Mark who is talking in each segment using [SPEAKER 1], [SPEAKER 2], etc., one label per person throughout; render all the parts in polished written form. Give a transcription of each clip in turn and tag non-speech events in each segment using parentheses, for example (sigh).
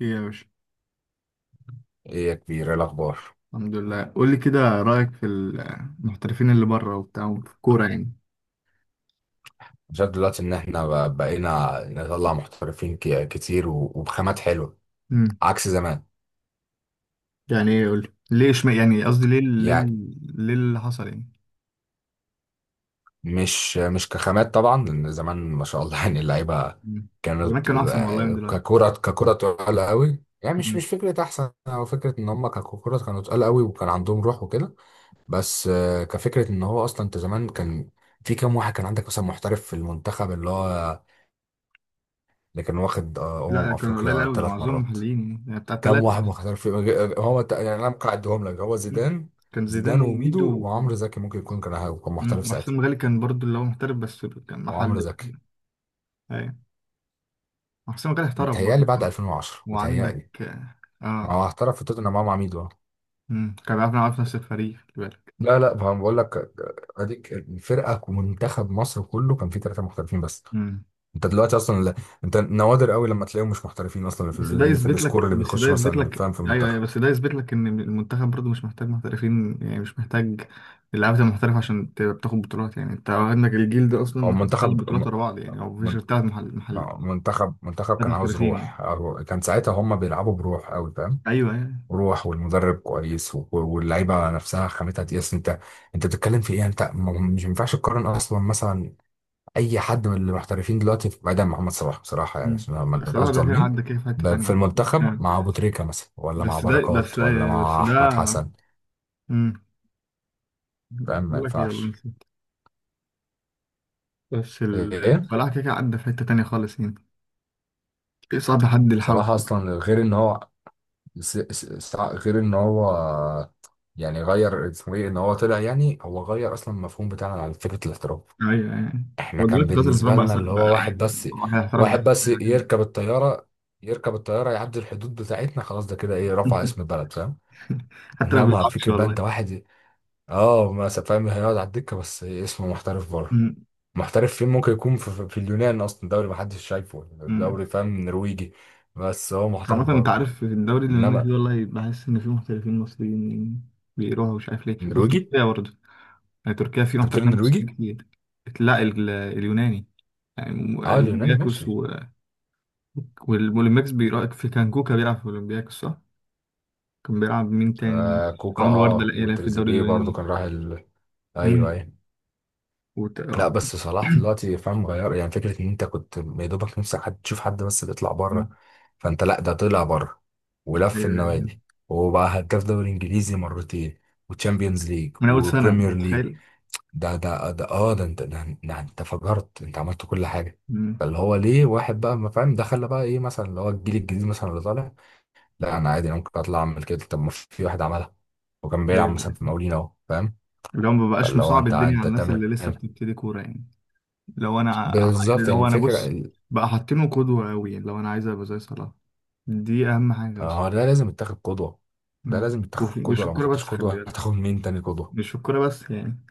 [SPEAKER 1] ايه يا باشا.
[SPEAKER 2] ايه يا كبير، ايه الاخبار؟
[SPEAKER 1] الحمد لله، قول لي كده رأيك في المحترفين اللي بره وبتاع في الكورة يعني.
[SPEAKER 2] أنا شايف دلوقتي ان احنا بقينا نطلع محترفين كتير وبخامات حلوه
[SPEAKER 1] امم.
[SPEAKER 2] عكس زمان.
[SPEAKER 1] يعني ايه؟ قول لي ليه. اشم، يعني قصدي، ليه ليه
[SPEAKER 2] يعني
[SPEAKER 1] ليه اللي حصل يعني.
[SPEAKER 2] مش كخامات طبعا، لان زمان ما شاء الله (laughs) يعني اللعيبه
[SPEAKER 1] مم. زمان
[SPEAKER 2] كانت
[SPEAKER 1] كانوا احسن والله من دلوقتي.
[SPEAKER 2] ككره تقال قوي. يعني مش
[SPEAKER 1] مم.
[SPEAKER 2] فكره احسن، او فكره ان هم ككره كانوا تقال قوي وكان عندهم روح وكده. بس كفكره ان هو اصلا انت زمان كان في كام واحد كان عندك مثلا محترف في المنتخب، اللي هو اللي كان واخد
[SPEAKER 1] لا كانوا قليل
[SPEAKER 2] افريقيا
[SPEAKER 1] قوي،
[SPEAKER 2] ثلاث
[SPEAKER 1] معظمهم
[SPEAKER 2] مرات.
[SPEAKER 1] محليين يعني بتاع
[SPEAKER 2] كام
[SPEAKER 1] ثلاثة
[SPEAKER 2] واحد ما
[SPEAKER 1] مثلا.
[SPEAKER 2] خسرش في يعني انا ممكن اعدهم لك. هو
[SPEAKER 1] مم.
[SPEAKER 2] زيدان،
[SPEAKER 1] كان زيدان
[SPEAKER 2] زيدان
[SPEAKER 1] وميدو
[SPEAKER 2] وميدو وعمرو زكي، ممكن يكون كان هو كان محترف
[SPEAKER 1] مم.
[SPEAKER 2] ساعتها.
[SPEAKER 1] وحسام غالي كان برضو اللي هو محترف، بس كان
[SPEAKER 2] وعمرو
[SPEAKER 1] محلي.
[SPEAKER 2] زكي
[SPEAKER 1] ايوه. وحسام غالي احترف برضو.
[SPEAKER 2] متهيألي بعد 2010،
[SPEAKER 1] وعندك.
[SPEAKER 2] متهيألي. ما
[SPEAKER 1] اه.
[SPEAKER 2] هو احترف في توتنهام مع ميدو.
[SPEAKER 1] مم. كان بيعرف يلعب في نفس الفريق، خلي بالك.
[SPEAKER 2] لا لا، ما بقول لك، اديك الفرقه، ومنتخب مصر كله كان فيه ثلاثه محترفين بس.
[SPEAKER 1] مم.
[SPEAKER 2] انت دلوقتي اصلا انت نوادر قوي لما تلاقيهم مش محترفين اصلا،
[SPEAKER 1] بس ده
[SPEAKER 2] في
[SPEAKER 1] يثبت
[SPEAKER 2] السكور
[SPEAKER 1] لك
[SPEAKER 2] اللي
[SPEAKER 1] بس ده
[SPEAKER 2] بيخش
[SPEAKER 1] يثبت
[SPEAKER 2] مثلا،
[SPEAKER 1] لك
[SPEAKER 2] فاهم؟ في
[SPEAKER 1] ايوه ايوه،
[SPEAKER 2] المنتخب
[SPEAKER 1] بس ده يثبت لك ان المنتخب برضه مش محتاج محترفين يعني، مش محتاج اللعيبه المحترفه عشان تبقى بتاخد بطولات يعني. انت عندك الجيل ده اصلا
[SPEAKER 2] او
[SPEAKER 1] واخد ثلاث
[SPEAKER 2] منتخب.
[SPEAKER 1] بطولات ورا بعض يعني، او مفيش غير ثلاث محل.
[SPEAKER 2] منتخب
[SPEAKER 1] ثلاث
[SPEAKER 2] كان عاوز
[SPEAKER 1] محترفين يعني.
[SPEAKER 2] روح، أو كان ساعتها هم بيلعبوا بروح قوي فاهم.
[SPEAKER 1] ايوه يعني.
[SPEAKER 2] روح، والمدرب كويس، واللعيبه نفسها خامتها تقيس. انت انت بتتكلم في ايه؟ انت مش ينفعش تقارن اصلا مثلا اي حد من المحترفين دلوقتي، بعيدا عن محمد صلاح بصراحه، يعني
[SPEAKER 1] مم.
[SPEAKER 2] عشان ما نبقاش
[SPEAKER 1] صلاح ده كده
[SPEAKER 2] ظالمين.
[SPEAKER 1] عدى كده في حته
[SPEAKER 2] في
[SPEAKER 1] ثانيه
[SPEAKER 2] المنتخب
[SPEAKER 1] يعني.
[SPEAKER 2] مع ابو تريكه مثلا، ولا مع
[SPEAKER 1] بس ده بس.
[SPEAKER 2] بركات، ولا
[SPEAKER 1] بس
[SPEAKER 2] مع
[SPEAKER 1] ده.
[SPEAKER 2] احمد حسن،
[SPEAKER 1] مم.
[SPEAKER 2] فاهم؟ ما
[SPEAKER 1] بقول لك ايه، والله
[SPEAKER 2] ينفعش.
[SPEAKER 1] نسيت. بس
[SPEAKER 2] ايه،
[SPEAKER 1] صلاح كده كده عدى في حته ثانيه خالص يعني. صعب حد يلحقه.
[SPEAKER 2] صلاح اصلا غير ان هو س- س- غير ان هو، يعني غير اسمه ايه، ان هو طلع، يعني هو غير اصلا المفهوم بتاعنا على فكره الاحتراف.
[SPEAKER 1] ايوه يعني.
[SPEAKER 2] احنا
[SPEAKER 1] هو
[SPEAKER 2] كان
[SPEAKER 1] دلوقتي كاس الاحتراف
[SPEAKER 2] بالنسبه
[SPEAKER 1] بقى.
[SPEAKER 2] لنا اللي
[SPEAKER 1] بقى
[SPEAKER 2] هو واحد
[SPEAKER 1] عادي.
[SPEAKER 2] بس،
[SPEAKER 1] واحد احترف ده.
[SPEAKER 2] واحد بس
[SPEAKER 1] عادي.
[SPEAKER 2] يركب الطياره، يركب الطياره يعدي الحدود بتاعتنا، خلاص ده كده ايه، رفع اسم
[SPEAKER 1] (laughs)
[SPEAKER 2] البلد فاهم.
[SPEAKER 1] حتى لو ما
[SPEAKER 2] انما
[SPEAKER 1] بيلعبش
[SPEAKER 2] فكره بقى
[SPEAKER 1] والله.
[SPEAKER 2] انت واحد، اه ما س- فاهم، هيقعد على الدكه بس اسمه محترف بره.
[SPEAKER 1] امم.
[SPEAKER 2] محترف فين؟ ممكن يكون في اليونان اصلا، دوري ما حدش شايفه،
[SPEAKER 1] امم.
[SPEAKER 2] دوري فاهم، نرويجي. بس هو محترف
[SPEAKER 1] عامة انت عارف
[SPEAKER 2] بره.
[SPEAKER 1] في الدوري اللي انا
[SPEAKER 2] انما
[SPEAKER 1] فيه، والله بحس ان فيه محترفين مصريين بيروحوا، مش عارف ليه،
[SPEAKER 2] نرويجي،
[SPEAKER 1] وتركيا برضه. يعني تركيا فيه
[SPEAKER 2] انت بتقول
[SPEAKER 1] محترفين مصريين
[SPEAKER 2] نرويجي؟
[SPEAKER 1] كتير. لا اليوناني. يعني
[SPEAKER 2] اه، اليوناني
[SPEAKER 1] الاولمبياكوس
[SPEAKER 2] ماشي.
[SPEAKER 1] و... والاولمبياكوس بيراقب في كانكوكا، بيلعب في الاولمبياكوس صح؟ كان بيلعب مين تاني؟
[SPEAKER 2] آه كوكا،
[SPEAKER 1] عمرو وردة
[SPEAKER 2] اه
[SPEAKER 1] لا يلعب في الدوري
[SPEAKER 2] وتريزيجيه برضو
[SPEAKER 1] اليوناني.
[SPEAKER 2] كان راح ال... ايوه
[SPEAKER 1] امم.
[SPEAKER 2] ايوه.
[SPEAKER 1] آه.
[SPEAKER 2] لا بس صلاح
[SPEAKER 1] (clears throat)
[SPEAKER 2] دلوقتي فاهم غير، يعني فكره ان انت كنت يا دوبك نفسك حد تشوف حد بس بيطلع
[SPEAKER 1] أمم.
[SPEAKER 2] بره. فانت لا، ده طلع بره ولف
[SPEAKER 1] ايوه.
[SPEAKER 2] النوادي، وبقى هداف دوري انجليزي مرتين وتشامبيونز ليج
[SPEAKER 1] من اول سنه انت
[SPEAKER 2] وبريمير ليج.
[SPEAKER 1] متخيل.
[SPEAKER 2] ده ده ده اه ده انت ده, ده انت فجرت، انت عملت كل حاجه.
[SPEAKER 1] امم.
[SPEAKER 2] فاللي هو ليه واحد بقى ما فاهم ده، خلى بقى ايه مثلا اللي هو الجيل الجديد مثلا اللي طالع؟ لا انا عادي، انا ممكن اطلع اعمل كده. طب ما في واحد عملها وكان
[SPEAKER 1] ايوه
[SPEAKER 2] بيلعب مثلا في
[SPEAKER 1] أيوة.
[SPEAKER 2] مقاولين، اهو فاهم.
[SPEAKER 1] اللي هو ما بقاش
[SPEAKER 2] فاللي هو
[SPEAKER 1] مصعب
[SPEAKER 2] انت
[SPEAKER 1] الدنيا على
[SPEAKER 2] انت
[SPEAKER 1] الناس اللي
[SPEAKER 2] تعمل
[SPEAKER 1] لسه بتبتدي كوره يعني.
[SPEAKER 2] بالظبط
[SPEAKER 1] لو انا
[SPEAKER 2] الفكره
[SPEAKER 1] بص. بقى حاطينه قدوه قوي يعني، لو انا عايز ابقى زي صلاح. دي اهم حاجه
[SPEAKER 2] آه،
[SPEAKER 1] اصلا.
[SPEAKER 2] هو ده لازم يتاخد قدوه. ده لازم يتاخد
[SPEAKER 1] ومش
[SPEAKER 2] قدوه، لو ما
[SPEAKER 1] الكوره
[SPEAKER 2] خدتش
[SPEAKER 1] بس خلي
[SPEAKER 2] قدوه
[SPEAKER 1] بالك.
[SPEAKER 2] هتاخد مين تاني قدوه؟
[SPEAKER 1] مش في الكوره بس يعني.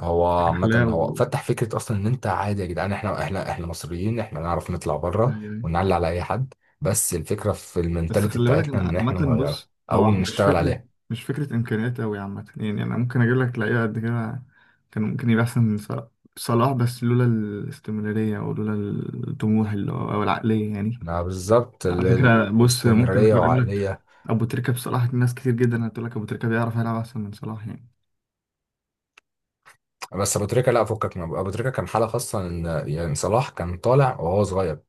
[SPEAKER 2] هو عامة
[SPEAKER 1] اخلاق و...
[SPEAKER 2] هو فتح فكرة أصلا إن أنت عادي يا جدعان، إحنا، إحنا مصريين، إحنا نعرف نطلع
[SPEAKER 1] أيوة.
[SPEAKER 2] بره
[SPEAKER 1] أيوة.
[SPEAKER 2] ونعلي على أي حد. بس الفكرة في
[SPEAKER 1] بس
[SPEAKER 2] المنتاليتي
[SPEAKER 1] خلي بالك ان
[SPEAKER 2] بتاعتنا إن إحنا
[SPEAKER 1] عامة
[SPEAKER 2] نغيرها
[SPEAKER 1] بص
[SPEAKER 2] أو
[SPEAKER 1] هو مش
[SPEAKER 2] نشتغل
[SPEAKER 1] فكرة.
[SPEAKER 2] عليها.
[SPEAKER 1] مش فكرة امكانيات قوي عامة يعني، انا ممكن اجيب لك لعيبة قد كده كان ممكن يبقى احسن من صلاح. صلاح بس لولا الاستمرارية، او لولا الطموح اللي هو، او العقلية يعني.
[SPEAKER 2] ما بالظبط
[SPEAKER 1] على فكرة بص، ممكن
[SPEAKER 2] الاستمرارية
[SPEAKER 1] اقارن لك
[SPEAKER 2] وعقلية.
[SPEAKER 1] ابو تريكة بصلاح. ناس كتير جدا هتقول لك ابو تريكة بيعرف يلعب احسن من صلاح يعني.
[SPEAKER 2] بس ابو تريكه لا، فكك من أبو تريكه، كان حاله خاصه، ان يعني صلاح كان طالع وهو صغير.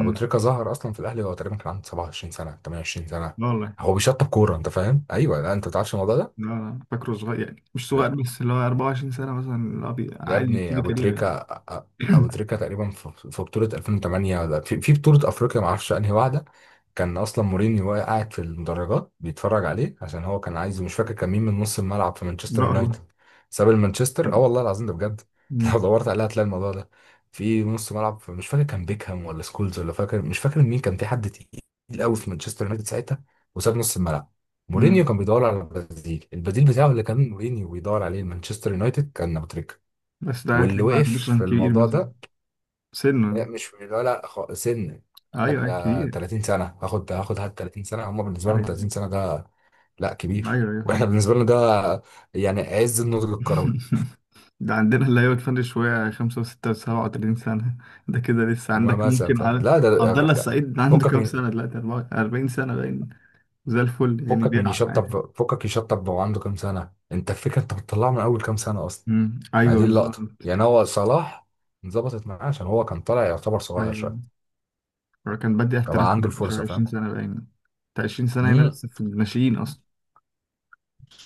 [SPEAKER 2] ابو تريكه ظهر اصلا في الاهلي وهو تقريبا كان عنده 27 سنه، 28 سنه،
[SPEAKER 1] لا والله.
[SPEAKER 2] هو بيشطب كوره، انت فاهم؟ ايوه، لا انت ما تعرفش الموضوع ده.
[SPEAKER 1] لا لا، فاكره صغير يعني، مش صغير بس اللي هو 24 سنة مثلا، اللي هو
[SPEAKER 2] يا
[SPEAKER 1] عادي
[SPEAKER 2] ابني
[SPEAKER 1] يبتدي
[SPEAKER 2] ابو
[SPEAKER 1] كاريره يعني.
[SPEAKER 2] تريكة، أ- ابو
[SPEAKER 1] (clears throat)
[SPEAKER 2] تريكة تقريبا في في بطولة 2008، ولا في بطولة افريقيا، ما اعرفش انهي واحدة، كان اصلا مورينيو قاعد في المدرجات بيتفرج عليه، عشان هو كان عايز، مش فاكر كان مين، من نص الملعب في مانشستر
[SPEAKER 1] لا والله.
[SPEAKER 2] يونايتد، ساب المانشستر. اه
[SPEAKER 1] كان.
[SPEAKER 2] والله العظيم، ده بجد (laughs) لو
[SPEAKER 1] مم.
[SPEAKER 2] دورت عليها هتلاقي الموضوع ده. في نص ملعب، مش فاكر كان بيكهام ولا سكولز، ولا فاكر، مش فاكر مين كان، في حد تقيل قوي في مانشستر يونايتد ساعتها، وساب نص الملعب. مورينيو
[SPEAKER 1] مم.
[SPEAKER 2] كان بيدور على البديل بتاعه اللي كان مورينيو بيدور عليه، مانشستر يونايتد، كان ابو تريكة.
[SPEAKER 1] بس ده
[SPEAKER 2] واللي
[SPEAKER 1] هتلاقيه ما
[SPEAKER 2] وقف
[SPEAKER 1] عندوش رقم
[SPEAKER 2] في
[SPEAKER 1] كبير
[SPEAKER 2] الموضوع
[SPEAKER 1] مثلا.
[SPEAKER 2] ده، لا،
[SPEAKER 1] سنه.
[SPEAKER 2] مش ولا سن.
[SPEAKER 1] ايوه
[SPEAKER 2] قال لك
[SPEAKER 1] أيوة،
[SPEAKER 2] ده
[SPEAKER 1] كبير.
[SPEAKER 2] 30 سنه، هاخد هات، 30 سنه هم بالنسبه لهم 30
[SPEAKER 1] ايوه.
[SPEAKER 2] سنه ده. لا
[SPEAKER 1] ايوه
[SPEAKER 2] كبير
[SPEAKER 1] ايوه، أيوة،
[SPEAKER 2] (laughs) واحنا
[SPEAKER 1] فاهم.
[SPEAKER 2] بالنسبه لنا ده يعني عز النضج الكروي.
[SPEAKER 1] (laughs) ده عندنا اللي هي بتفرق شويه 5 و6 و37 سنه. (laughs) ده كده لسه
[SPEAKER 2] لما
[SPEAKER 1] عندك
[SPEAKER 2] مثلا
[SPEAKER 1] ممكن
[SPEAKER 2] فاهم،
[SPEAKER 1] على
[SPEAKER 2] لا
[SPEAKER 1] عبد الله
[SPEAKER 2] لا،
[SPEAKER 1] السعيد. عنده
[SPEAKER 2] فكك
[SPEAKER 1] كام
[SPEAKER 2] من،
[SPEAKER 1] سنه دلوقتي؟ 40 سنه باين. زي الفل يعني،
[SPEAKER 2] فكك من
[SPEAKER 1] بيلعب عادي.
[SPEAKER 2] يشطب، فكك يشطب وهو عنده كام سنه؟ انت الفكره انت بتطلعه من اول كام سنه اصلا.
[SPEAKER 1] أمم،
[SPEAKER 2] ما
[SPEAKER 1] ايوه
[SPEAKER 2] دي اللقطه،
[SPEAKER 1] بالظبط.
[SPEAKER 2] يعني هو صلاح انظبطت معاه عشان هو كان طالع يعتبر
[SPEAKER 1] ايوه
[SPEAKER 2] صغير
[SPEAKER 1] أيوة.
[SPEAKER 2] شويه،
[SPEAKER 1] هو كان بادئ
[SPEAKER 2] كان
[SPEAKER 1] احتراف.
[SPEAKER 2] عنده
[SPEAKER 1] شهر
[SPEAKER 2] الفرصه فاهم.
[SPEAKER 1] 20 سنه باين. بتاع 20 سنه هنا
[SPEAKER 2] امم.
[SPEAKER 1] لسه في الناشئين اصلا.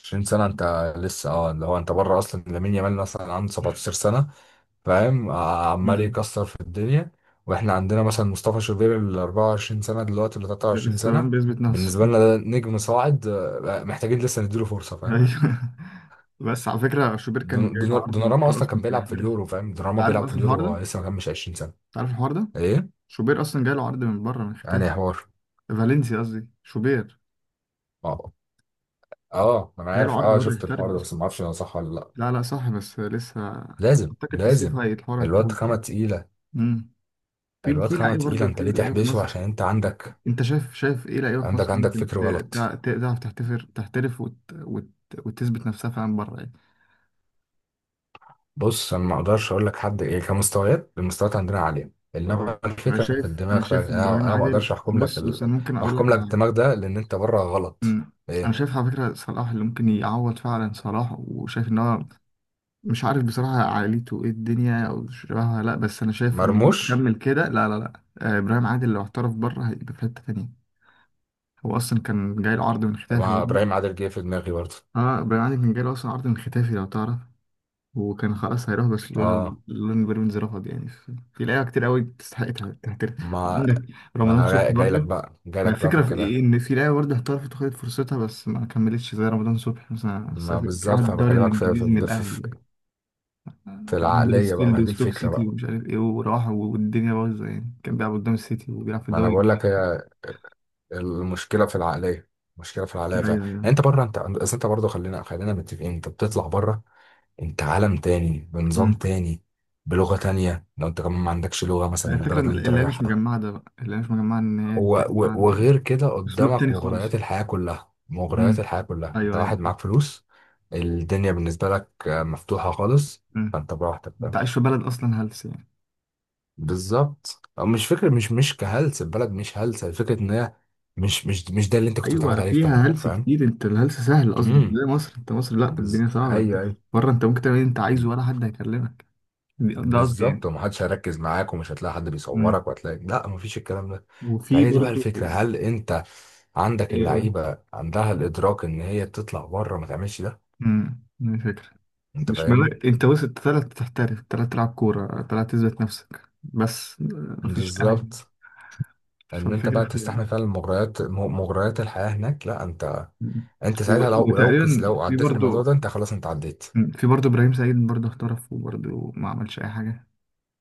[SPEAKER 2] 20 سنة انت لسه، اللي هو انت بره اصلا، لامين يامال مثلا عنده 17 سنة، فاهم؟ عمال
[SPEAKER 1] أمم.
[SPEAKER 2] يكسر في الدنيا. واحنا عندنا مثلا مصطفى شوبير ال 24 سنة دلوقتي ولا
[SPEAKER 1] ده
[SPEAKER 2] 23
[SPEAKER 1] لسه باين
[SPEAKER 2] سنة،
[SPEAKER 1] بيثبت نفسه.
[SPEAKER 2] بالنسبة لنا ده نجم صاعد، محتاجين لسه نديله فرصة فاهم.
[SPEAKER 1] ايوه. (laughs) بس على فكره شوبير كان جاي له عرض من
[SPEAKER 2] دوناراما
[SPEAKER 1] بره
[SPEAKER 2] اصلا
[SPEAKER 1] اصلا،
[SPEAKER 2] كان
[SPEAKER 1] كان
[SPEAKER 2] بيلعب في
[SPEAKER 1] هيحترف.
[SPEAKER 2] اليورو فاهم،
[SPEAKER 1] انت
[SPEAKER 2] دوناراما
[SPEAKER 1] عارف
[SPEAKER 2] بيلعب في
[SPEAKER 1] اصلا
[SPEAKER 2] اليورو
[SPEAKER 1] الحوار ده؟
[SPEAKER 2] وهو
[SPEAKER 1] انت
[SPEAKER 2] لسه ما كملش 20 سنة.
[SPEAKER 1] عارف الحوار ده؟
[SPEAKER 2] ايه
[SPEAKER 1] شوبير اصلا جاي له عرض من بره، من
[SPEAKER 2] يعني يا
[SPEAKER 1] ختافي.
[SPEAKER 2] حوار؟
[SPEAKER 1] فالنسيا قصدي، شوبير.
[SPEAKER 2] اه اه انا
[SPEAKER 1] جاي له
[SPEAKER 2] عارف،
[SPEAKER 1] عرض بره
[SPEAKER 2] شفت
[SPEAKER 1] يحترف
[SPEAKER 2] الحوار ده
[SPEAKER 1] اصلا.
[SPEAKER 2] بس ما اعرفش هو صح ولا لا.
[SPEAKER 1] لا لا صح، بس لسه.
[SPEAKER 2] لازم
[SPEAKER 1] اعتقد في الصيف
[SPEAKER 2] لازم.
[SPEAKER 1] هي الحوار
[SPEAKER 2] الواد
[SPEAKER 1] هيتطور
[SPEAKER 2] خامة
[SPEAKER 1] يعني.
[SPEAKER 2] تقيلة،
[SPEAKER 1] امم. في
[SPEAKER 2] الواد
[SPEAKER 1] في
[SPEAKER 2] خامة
[SPEAKER 1] لعيبه
[SPEAKER 2] تقيلة،
[SPEAKER 1] برضه، في
[SPEAKER 2] انت ليه
[SPEAKER 1] لعيبه في
[SPEAKER 2] تحبسه؟
[SPEAKER 1] مصر.
[SPEAKER 2] عشان انت عندك،
[SPEAKER 1] انت شايف ايه لعيبه في مصر
[SPEAKER 2] عندك
[SPEAKER 1] ممكن
[SPEAKER 2] فكر
[SPEAKER 1] تع-
[SPEAKER 2] غلط.
[SPEAKER 1] ت- تعرف تحترف وتثبت نفسها فعلا بره يعني.
[SPEAKER 2] بص، انا ما اقدرش اقول لك حد ايه كمستويات، المستويات عندنا عاليه، انما
[SPEAKER 1] اه. انا
[SPEAKER 2] الفكره في
[SPEAKER 1] شايف
[SPEAKER 2] الدماغ،
[SPEAKER 1] انا شايف
[SPEAKER 2] فانا
[SPEAKER 1] ابراهيم
[SPEAKER 2] انا ما
[SPEAKER 1] عادل
[SPEAKER 2] اقدرش احكم لك
[SPEAKER 1] بص، بس انا
[SPEAKER 2] ال...
[SPEAKER 1] ممكن اقول لك.
[SPEAKER 2] احكم لك الدماغ ده، لان انت بره غلط.
[SPEAKER 1] مم. انا
[SPEAKER 2] ايه،
[SPEAKER 1] شايف على فكره صلاح اللي ممكن يعوض فعلا صلاح، وشايف ان هو، مش عارف بصراحه عائلته ايه الدنيا او شبهها، لا بس انا شايف ان هو لو
[SPEAKER 2] مرموش.
[SPEAKER 1] كمل كده، لا لا لا، ابراهيم عادل لو احترف بره هيبقى في حته تانيه. هو اصلا كان جاي له عرض من ختافي
[SPEAKER 2] مع
[SPEAKER 1] برضه.
[SPEAKER 2] ابراهيم عادل جه في دماغي برضه.
[SPEAKER 1] اه. ابراهيم عادل كان جاي له اصلا عرض من ختافي لو تعرف. وكان خلاص هيروح برشلونة.
[SPEAKER 2] اه،
[SPEAKER 1] اللون بيراميدز رفض يعني. في لعيبة كتير قوي تستحق تحترف.
[SPEAKER 2] ما
[SPEAKER 1] وعندك
[SPEAKER 2] ما
[SPEAKER 1] رمضان
[SPEAKER 2] انا
[SPEAKER 1] صبحي
[SPEAKER 2] جاي جاي لك
[SPEAKER 1] برضه.
[SPEAKER 2] بقى، جاي
[SPEAKER 1] ما
[SPEAKER 2] لك بقى في
[SPEAKER 1] الفكرة في إيه؟
[SPEAKER 2] الكلام.
[SPEAKER 1] إن في لعيبة برضه احترفت وخدت فرصتها بس ما كملتش، زي رمضان صبحي مثلا
[SPEAKER 2] ما
[SPEAKER 1] سافر راح
[SPEAKER 2] بالظبط انا
[SPEAKER 1] الدوري
[SPEAKER 2] بكلمك في
[SPEAKER 1] الإنجليزي من
[SPEAKER 2] في في, في
[SPEAKER 1] الأهلي.
[SPEAKER 2] في
[SPEAKER 1] راح
[SPEAKER 2] العقليه بقى،
[SPEAKER 1] هدرسفيلد
[SPEAKER 2] ما هي دي
[SPEAKER 1] وستوك
[SPEAKER 2] الفكره
[SPEAKER 1] سيتي
[SPEAKER 2] بقى.
[SPEAKER 1] ومش عارف إيه، وراح والدنيا بايظة يعني، كان بيلعب قدام السيتي وبيلعب في
[SPEAKER 2] ما انا
[SPEAKER 1] الدوري
[SPEAKER 2] بقول لك،
[SPEAKER 1] الإنجليزي.
[SPEAKER 2] هي المشكله في العقليه، المشكله في العقليه فعلا.
[SPEAKER 1] أيوه
[SPEAKER 2] يعني
[SPEAKER 1] أيوه.
[SPEAKER 2] انت بره، انت أصل، انت برضه خلينا متفقين، انت بتطلع بره. انت عالم تاني بنظام
[SPEAKER 1] أمم.
[SPEAKER 2] تاني بلغة تانية، لو انت كمان ما عندكش لغة مثلا
[SPEAKER 1] الفكرة
[SPEAKER 2] البلد
[SPEAKER 1] إن
[SPEAKER 2] اللي انت
[SPEAKER 1] اللعيبة مش
[SPEAKER 2] رايحها،
[SPEAKER 1] مجمعة. ده بقى اللعيبة مش مجمعة إن هي تبقى تاني.
[SPEAKER 2] وغير كده
[SPEAKER 1] أسلوب
[SPEAKER 2] قدامك
[SPEAKER 1] تاني خالص.
[SPEAKER 2] مغريات الحياة كلها، مغريات
[SPEAKER 1] أمم.
[SPEAKER 2] الحياة كلها، انت
[SPEAKER 1] أيوه
[SPEAKER 2] واحد
[SPEAKER 1] أيوه.
[SPEAKER 2] معاك فلوس، الدنيا بالنسبة لك مفتوحة خالص،
[SPEAKER 1] أمم.
[SPEAKER 2] فانت براحتك
[SPEAKER 1] انت
[SPEAKER 2] فاهم.
[SPEAKER 1] عايش في بلد اصلا هلس يعني.
[SPEAKER 2] بالظبط، أو مش فكرة، مش كهلس البلد، مش هلسة، الفكرة ان هي مش ده اللي انت كنت متعود
[SPEAKER 1] ايوه،
[SPEAKER 2] عليه في
[SPEAKER 1] فيها
[SPEAKER 2] بلدك
[SPEAKER 1] هلس
[SPEAKER 2] فاهم.
[SPEAKER 1] كتير. انت الهلس سهل قصدي، مش
[SPEAKER 2] امم،
[SPEAKER 1] زي مصر، انت مصر لا،
[SPEAKER 2] بز...
[SPEAKER 1] الدنيا صعبه.
[SPEAKER 2] ايوه ايوه.
[SPEAKER 1] بره انت ممكن تعمل اللي انت عايزه، ولا حد هيكلمك. ده قصدي
[SPEAKER 2] بالظبط،
[SPEAKER 1] يعني.
[SPEAKER 2] ومحدش هيركز معاك، ومش هتلاقي حد
[SPEAKER 1] امم.
[SPEAKER 2] بيصورك، وهتلاقي لا مفيش الكلام ده.
[SPEAKER 1] وفي
[SPEAKER 2] فهي دي بقى
[SPEAKER 1] برضو.
[SPEAKER 2] الفكرة، هل انت عندك
[SPEAKER 1] ايه قول.
[SPEAKER 2] اللعيبة عندها الإدراك إن هي تطلع بره ما تعملش ده؟
[SPEAKER 1] دي فكرة.
[SPEAKER 2] انت
[SPEAKER 1] مش
[SPEAKER 2] فاهمني.
[SPEAKER 1] ملاك انت، بس انت طلعت تحترف، طلعت تلعب كورة، طلعت تثبت نفسك، بس مفيش اي حاجة.
[SPEAKER 2] بالظبط، ان انت
[SPEAKER 1] فالفكرة
[SPEAKER 2] بقى
[SPEAKER 1] في.
[SPEAKER 2] تستحمل فعلا مغريات، مغريات الحياة هناك، لا انت.
[SPEAKER 1] مم.
[SPEAKER 2] انت
[SPEAKER 1] و-
[SPEAKER 2] ساعتها لو،
[SPEAKER 1] وتقريبا
[SPEAKER 2] لو
[SPEAKER 1] في
[SPEAKER 2] عديت الموضوع
[SPEAKER 1] برضه.
[SPEAKER 2] ده انت خلاص، انت عديت.
[SPEAKER 1] مم. في برضه ابراهيم سعيد، برضه احترف وبرضه ما عملش اي حاجة.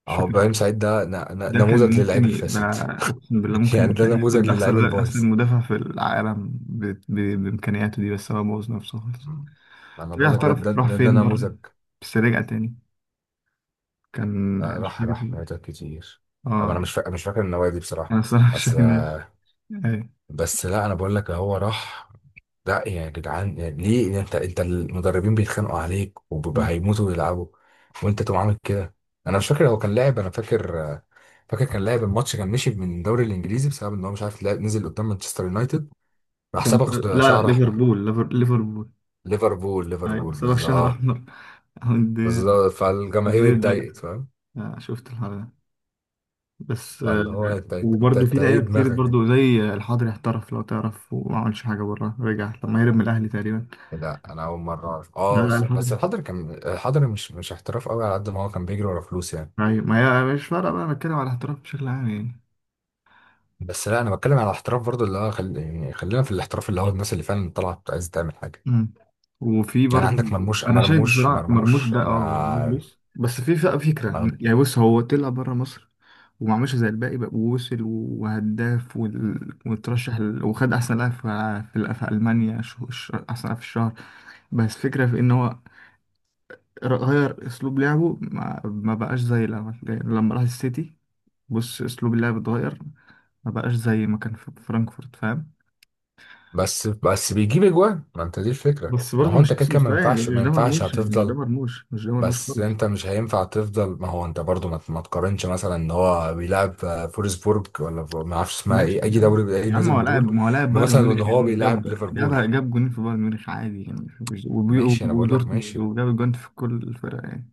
[SPEAKER 1] مش
[SPEAKER 2] اهو
[SPEAKER 1] فاكر.
[SPEAKER 2] ابراهيم سعيد ده
[SPEAKER 1] ده كان
[SPEAKER 2] نموذج
[SPEAKER 1] ممكن
[SPEAKER 2] للعيب
[SPEAKER 1] يبقى،
[SPEAKER 2] الفاسد.
[SPEAKER 1] اقسم بالله
[SPEAKER 2] (laughs) يعني
[SPEAKER 1] ممكن
[SPEAKER 2] ده
[SPEAKER 1] كان
[SPEAKER 2] نموذج
[SPEAKER 1] ياخد
[SPEAKER 2] للعيب
[SPEAKER 1] احسن،
[SPEAKER 2] البايظ.
[SPEAKER 1] مدافع في العالم بامكانياته دي، بس هو بوظ نفسه خالص.
[SPEAKER 2] مم. انا
[SPEAKER 1] طلع
[SPEAKER 2] بقول لك ده، ده
[SPEAKER 1] احترف راح
[SPEAKER 2] ده, ده
[SPEAKER 1] فين بره؟
[SPEAKER 2] نموذج.
[SPEAKER 1] بس رجع تاني. كان،
[SPEAKER 2] آه،
[SPEAKER 1] مش
[SPEAKER 2] راح
[SPEAKER 1] فاكر.
[SPEAKER 2] مناطق كتير. طب انا
[SPEAKER 1] اه.
[SPEAKER 2] مش فاكر النوادي
[SPEAKER 1] انا
[SPEAKER 2] بصراحه.
[SPEAKER 1] الصراحه مش
[SPEAKER 2] بس
[SPEAKER 1] فاكر مين. ايوه.
[SPEAKER 2] بس لا انا بقول لك هو راح، ده يا جدعان، يعني ليه، يعني انت المدربين بيتخانقوا عليك وبيبقى هيموتوا ويلعبوا، وانت تقوم عامل كده؟ انا مش فاكر هو كان لاعب، انا فاكر آه، فاكر كان لاعب الماتش، كان مشي من الدوري الانجليزي بسبب ان هو مش عارف لعب، نزل قدام مانشستر يونايتد راح
[SPEAKER 1] كان
[SPEAKER 2] صبغ
[SPEAKER 1] لا لا
[SPEAKER 2] شعر احمر.
[SPEAKER 1] ليفربول. ليفربول.
[SPEAKER 2] ليفربول،
[SPEAKER 1] ايوه،
[SPEAKER 2] ليفربول،
[SPEAKER 1] صباح
[SPEAKER 2] بالظبط
[SPEAKER 1] شهر
[SPEAKER 2] اه.
[SPEAKER 1] احمر. (laughs) عند
[SPEAKER 2] بالظبط، فالجماهير
[SPEAKER 1] جماهير الدقيق.
[SPEAKER 2] اتضايقت فاهم.
[SPEAKER 1] آه، شفت الحوار ده. بس
[SPEAKER 2] فاللي هو انت، انت انت
[SPEAKER 1] وبرضه في
[SPEAKER 2] إنت ايه
[SPEAKER 1] لعيبه كتير
[SPEAKER 2] دماغك؟
[SPEAKER 1] برضه، زي الحضري احترف لو تعرف، وما عملش حاجه بره، رجع لما هرب من الاهلي تقريبا.
[SPEAKER 2] لا انا اول مره اعرف.
[SPEAKER 1] لا
[SPEAKER 2] اه
[SPEAKER 1] لا
[SPEAKER 2] بس، بس
[SPEAKER 1] الحضري.
[SPEAKER 2] الحضري، كان الحضري مش مش احتراف قوي، على قد ما هو كان بيجري ورا فلوس يعني.
[SPEAKER 1] ايوه ما هي مش فارقه بقى، أنا بتكلم على الاحتراف بشكل عام يعني.
[SPEAKER 2] بس لا انا بتكلم على احتراف برضو اللي هو خل... يعني خلينا في الاحتراف، اللي هو الناس اللي فعلا طلعت عايزه تعمل حاجه.
[SPEAKER 1] مم. وفي
[SPEAKER 2] يعني
[SPEAKER 1] برضه.
[SPEAKER 2] عندك مرموش،
[SPEAKER 1] انا شايف
[SPEAKER 2] مرموش،
[SPEAKER 1] بصراحه مرموش
[SPEAKER 2] مرموش.
[SPEAKER 1] ده،
[SPEAKER 2] انا
[SPEAKER 1] مرموش. بص، بس في فكره
[SPEAKER 2] مرم...
[SPEAKER 1] يعني. بص، هو طلع بره مصر وما عملش زي الباقي بقى، ووصل وهداف، وترشح، وخد احسن لاعب في في المانيا، احسن لاعب في الشهر. بس فكره في ان هو، غير اسلوب لعبه. ما بقاش زي لما راح السيتي. بص اسلوب اللعب اتغير. ما بقاش زي ما كان في فرانكفورت، فاهم؟
[SPEAKER 2] بس بيجيب اجوان، ما انت دي الفكره،
[SPEAKER 1] بس
[SPEAKER 2] ما
[SPEAKER 1] برضه
[SPEAKER 2] هو
[SPEAKER 1] مش
[SPEAKER 2] انت كده
[SPEAKER 1] نفس
[SPEAKER 2] كده ما
[SPEAKER 1] المستوى يعني.
[SPEAKER 2] ينفعش،
[SPEAKER 1] مش
[SPEAKER 2] ما
[SPEAKER 1] ده
[SPEAKER 2] ينفعش
[SPEAKER 1] مرموش يعني، مش ده
[SPEAKER 2] هتفضل.
[SPEAKER 1] مرموش، مش ده مرموش
[SPEAKER 2] بس
[SPEAKER 1] خالص.
[SPEAKER 2] انت مش هينفع تفضل. ما هو انت برضو ما تقارنش مثلا ان هو بيلعب فولسبورج، ولا ما اعرفش اسمها ايه،
[SPEAKER 1] ماشي
[SPEAKER 2] اي
[SPEAKER 1] يعني.
[SPEAKER 2] دوري، اي
[SPEAKER 1] يا عم
[SPEAKER 2] نادي
[SPEAKER 1] هو
[SPEAKER 2] من
[SPEAKER 1] لاعب،
[SPEAKER 2] دول،
[SPEAKER 1] ما هو لاعب بايرن
[SPEAKER 2] مثلا ان
[SPEAKER 1] ميونخ
[SPEAKER 2] هو
[SPEAKER 1] يعني. وجاب
[SPEAKER 2] بيلعب
[SPEAKER 1] جاب
[SPEAKER 2] ليفربول.
[SPEAKER 1] جاب جاب جونين في بايرن ميونخ عادي يعني. مش
[SPEAKER 2] ماشي، انا بقول لك
[SPEAKER 1] ودورتموند،
[SPEAKER 2] ماشي.
[SPEAKER 1] وجاب جون في كل الفرق يعني.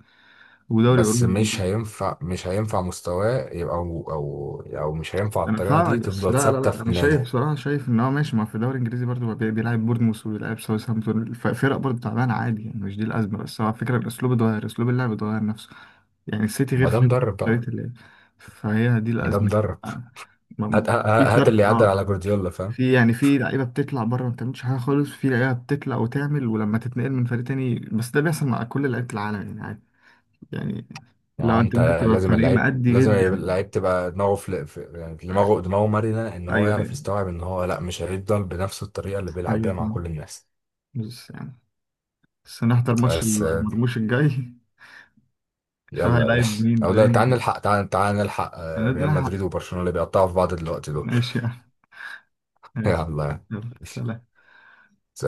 [SPEAKER 1] ودوري
[SPEAKER 2] بس مش
[SPEAKER 1] اوروبي.
[SPEAKER 2] هينفع، مش هينفع مستواه يبقى، او او مش هينفع
[SPEAKER 1] انا
[SPEAKER 2] الطريقه
[SPEAKER 1] فاهمك،
[SPEAKER 2] دي
[SPEAKER 1] بس
[SPEAKER 2] تفضل
[SPEAKER 1] لا لا
[SPEAKER 2] ثابته
[SPEAKER 1] لا،
[SPEAKER 2] في
[SPEAKER 1] انا شايف
[SPEAKER 2] نادي.
[SPEAKER 1] بصراحه، شايف ان هو ماشي. ما هو في الدوري الانجليزي برضه بيلعب بورنموث وبيلعب ساوثهامبتون، فرق برضه تعبانه عادي يعني. مش دي الازمه، بس هو فكره الاسلوب اتغير، اسلوب اللعب اتغير نفسه. يعني السيتي غير
[SPEAKER 2] ما ده
[SPEAKER 1] فريمبونج
[SPEAKER 2] مدرب بقى،
[SPEAKER 1] شريت اللي. فهي دي
[SPEAKER 2] ده
[SPEAKER 1] الأزمة.
[SPEAKER 2] مدرب.
[SPEAKER 1] آه، ما-
[SPEAKER 2] هات، هات
[SPEAKER 1] في
[SPEAKER 2] هات اللي
[SPEAKER 1] فرق،
[SPEAKER 2] يعدل على جوارديولا فاهم.
[SPEAKER 1] في يعني، في لعيبة بتطلع بره ما بتعملش حاجة خالص، في لعيبة بتطلع وتعمل ولما تتنقل من فريق تاني، بس ده بيحصل مع كل لعيبة العالم يعني، عادي يعني.
[SPEAKER 2] ما
[SPEAKER 1] لو
[SPEAKER 2] هو
[SPEAKER 1] انت
[SPEAKER 2] انت
[SPEAKER 1] ممكن تبقى في
[SPEAKER 2] لازم
[SPEAKER 1] فريق
[SPEAKER 2] اللعيب،
[SPEAKER 1] مأدي
[SPEAKER 2] لازم
[SPEAKER 1] جدا.
[SPEAKER 2] اللعيب تبقى دماغه في, في يعني
[SPEAKER 1] آه.
[SPEAKER 2] دماغه مرنه، ان هو
[SPEAKER 1] ايوه
[SPEAKER 2] يعرف
[SPEAKER 1] ايوه.
[SPEAKER 2] يستوعب ان هو لا، مش هيفضل بنفس الطريقه اللي بيلعب بيها
[SPEAKER 1] ايوه
[SPEAKER 2] مع كل
[SPEAKER 1] فاهم.
[SPEAKER 2] الناس.
[SPEAKER 1] بس يعني، بس نحضر ماتش
[SPEAKER 2] بس
[SPEAKER 1] المرموش الجاي. (laughs) عشان
[SPEAKER 2] يلا يا
[SPEAKER 1] هيلاعب
[SPEAKER 2] باشا،
[SPEAKER 1] مين
[SPEAKER 2] او لا،
[SPEAKER 1] باين؟
[SPEAKER 2] تعال نلحق، تعال نلحق ريال
[SPEAKER 1] هنلحق.
[SPEAKER 2] مدريد وبرشلونه اللي بيقطعوا في بعض دلوقتي دول.
[SPEAKER 1] ماشي يعني.
[SPEAKER 2] (laughs) يلا،
[SPEAKER 1] ماشي. يلا
[SPEAKER 2] ماشي.
[SPEAKER 1] سلام.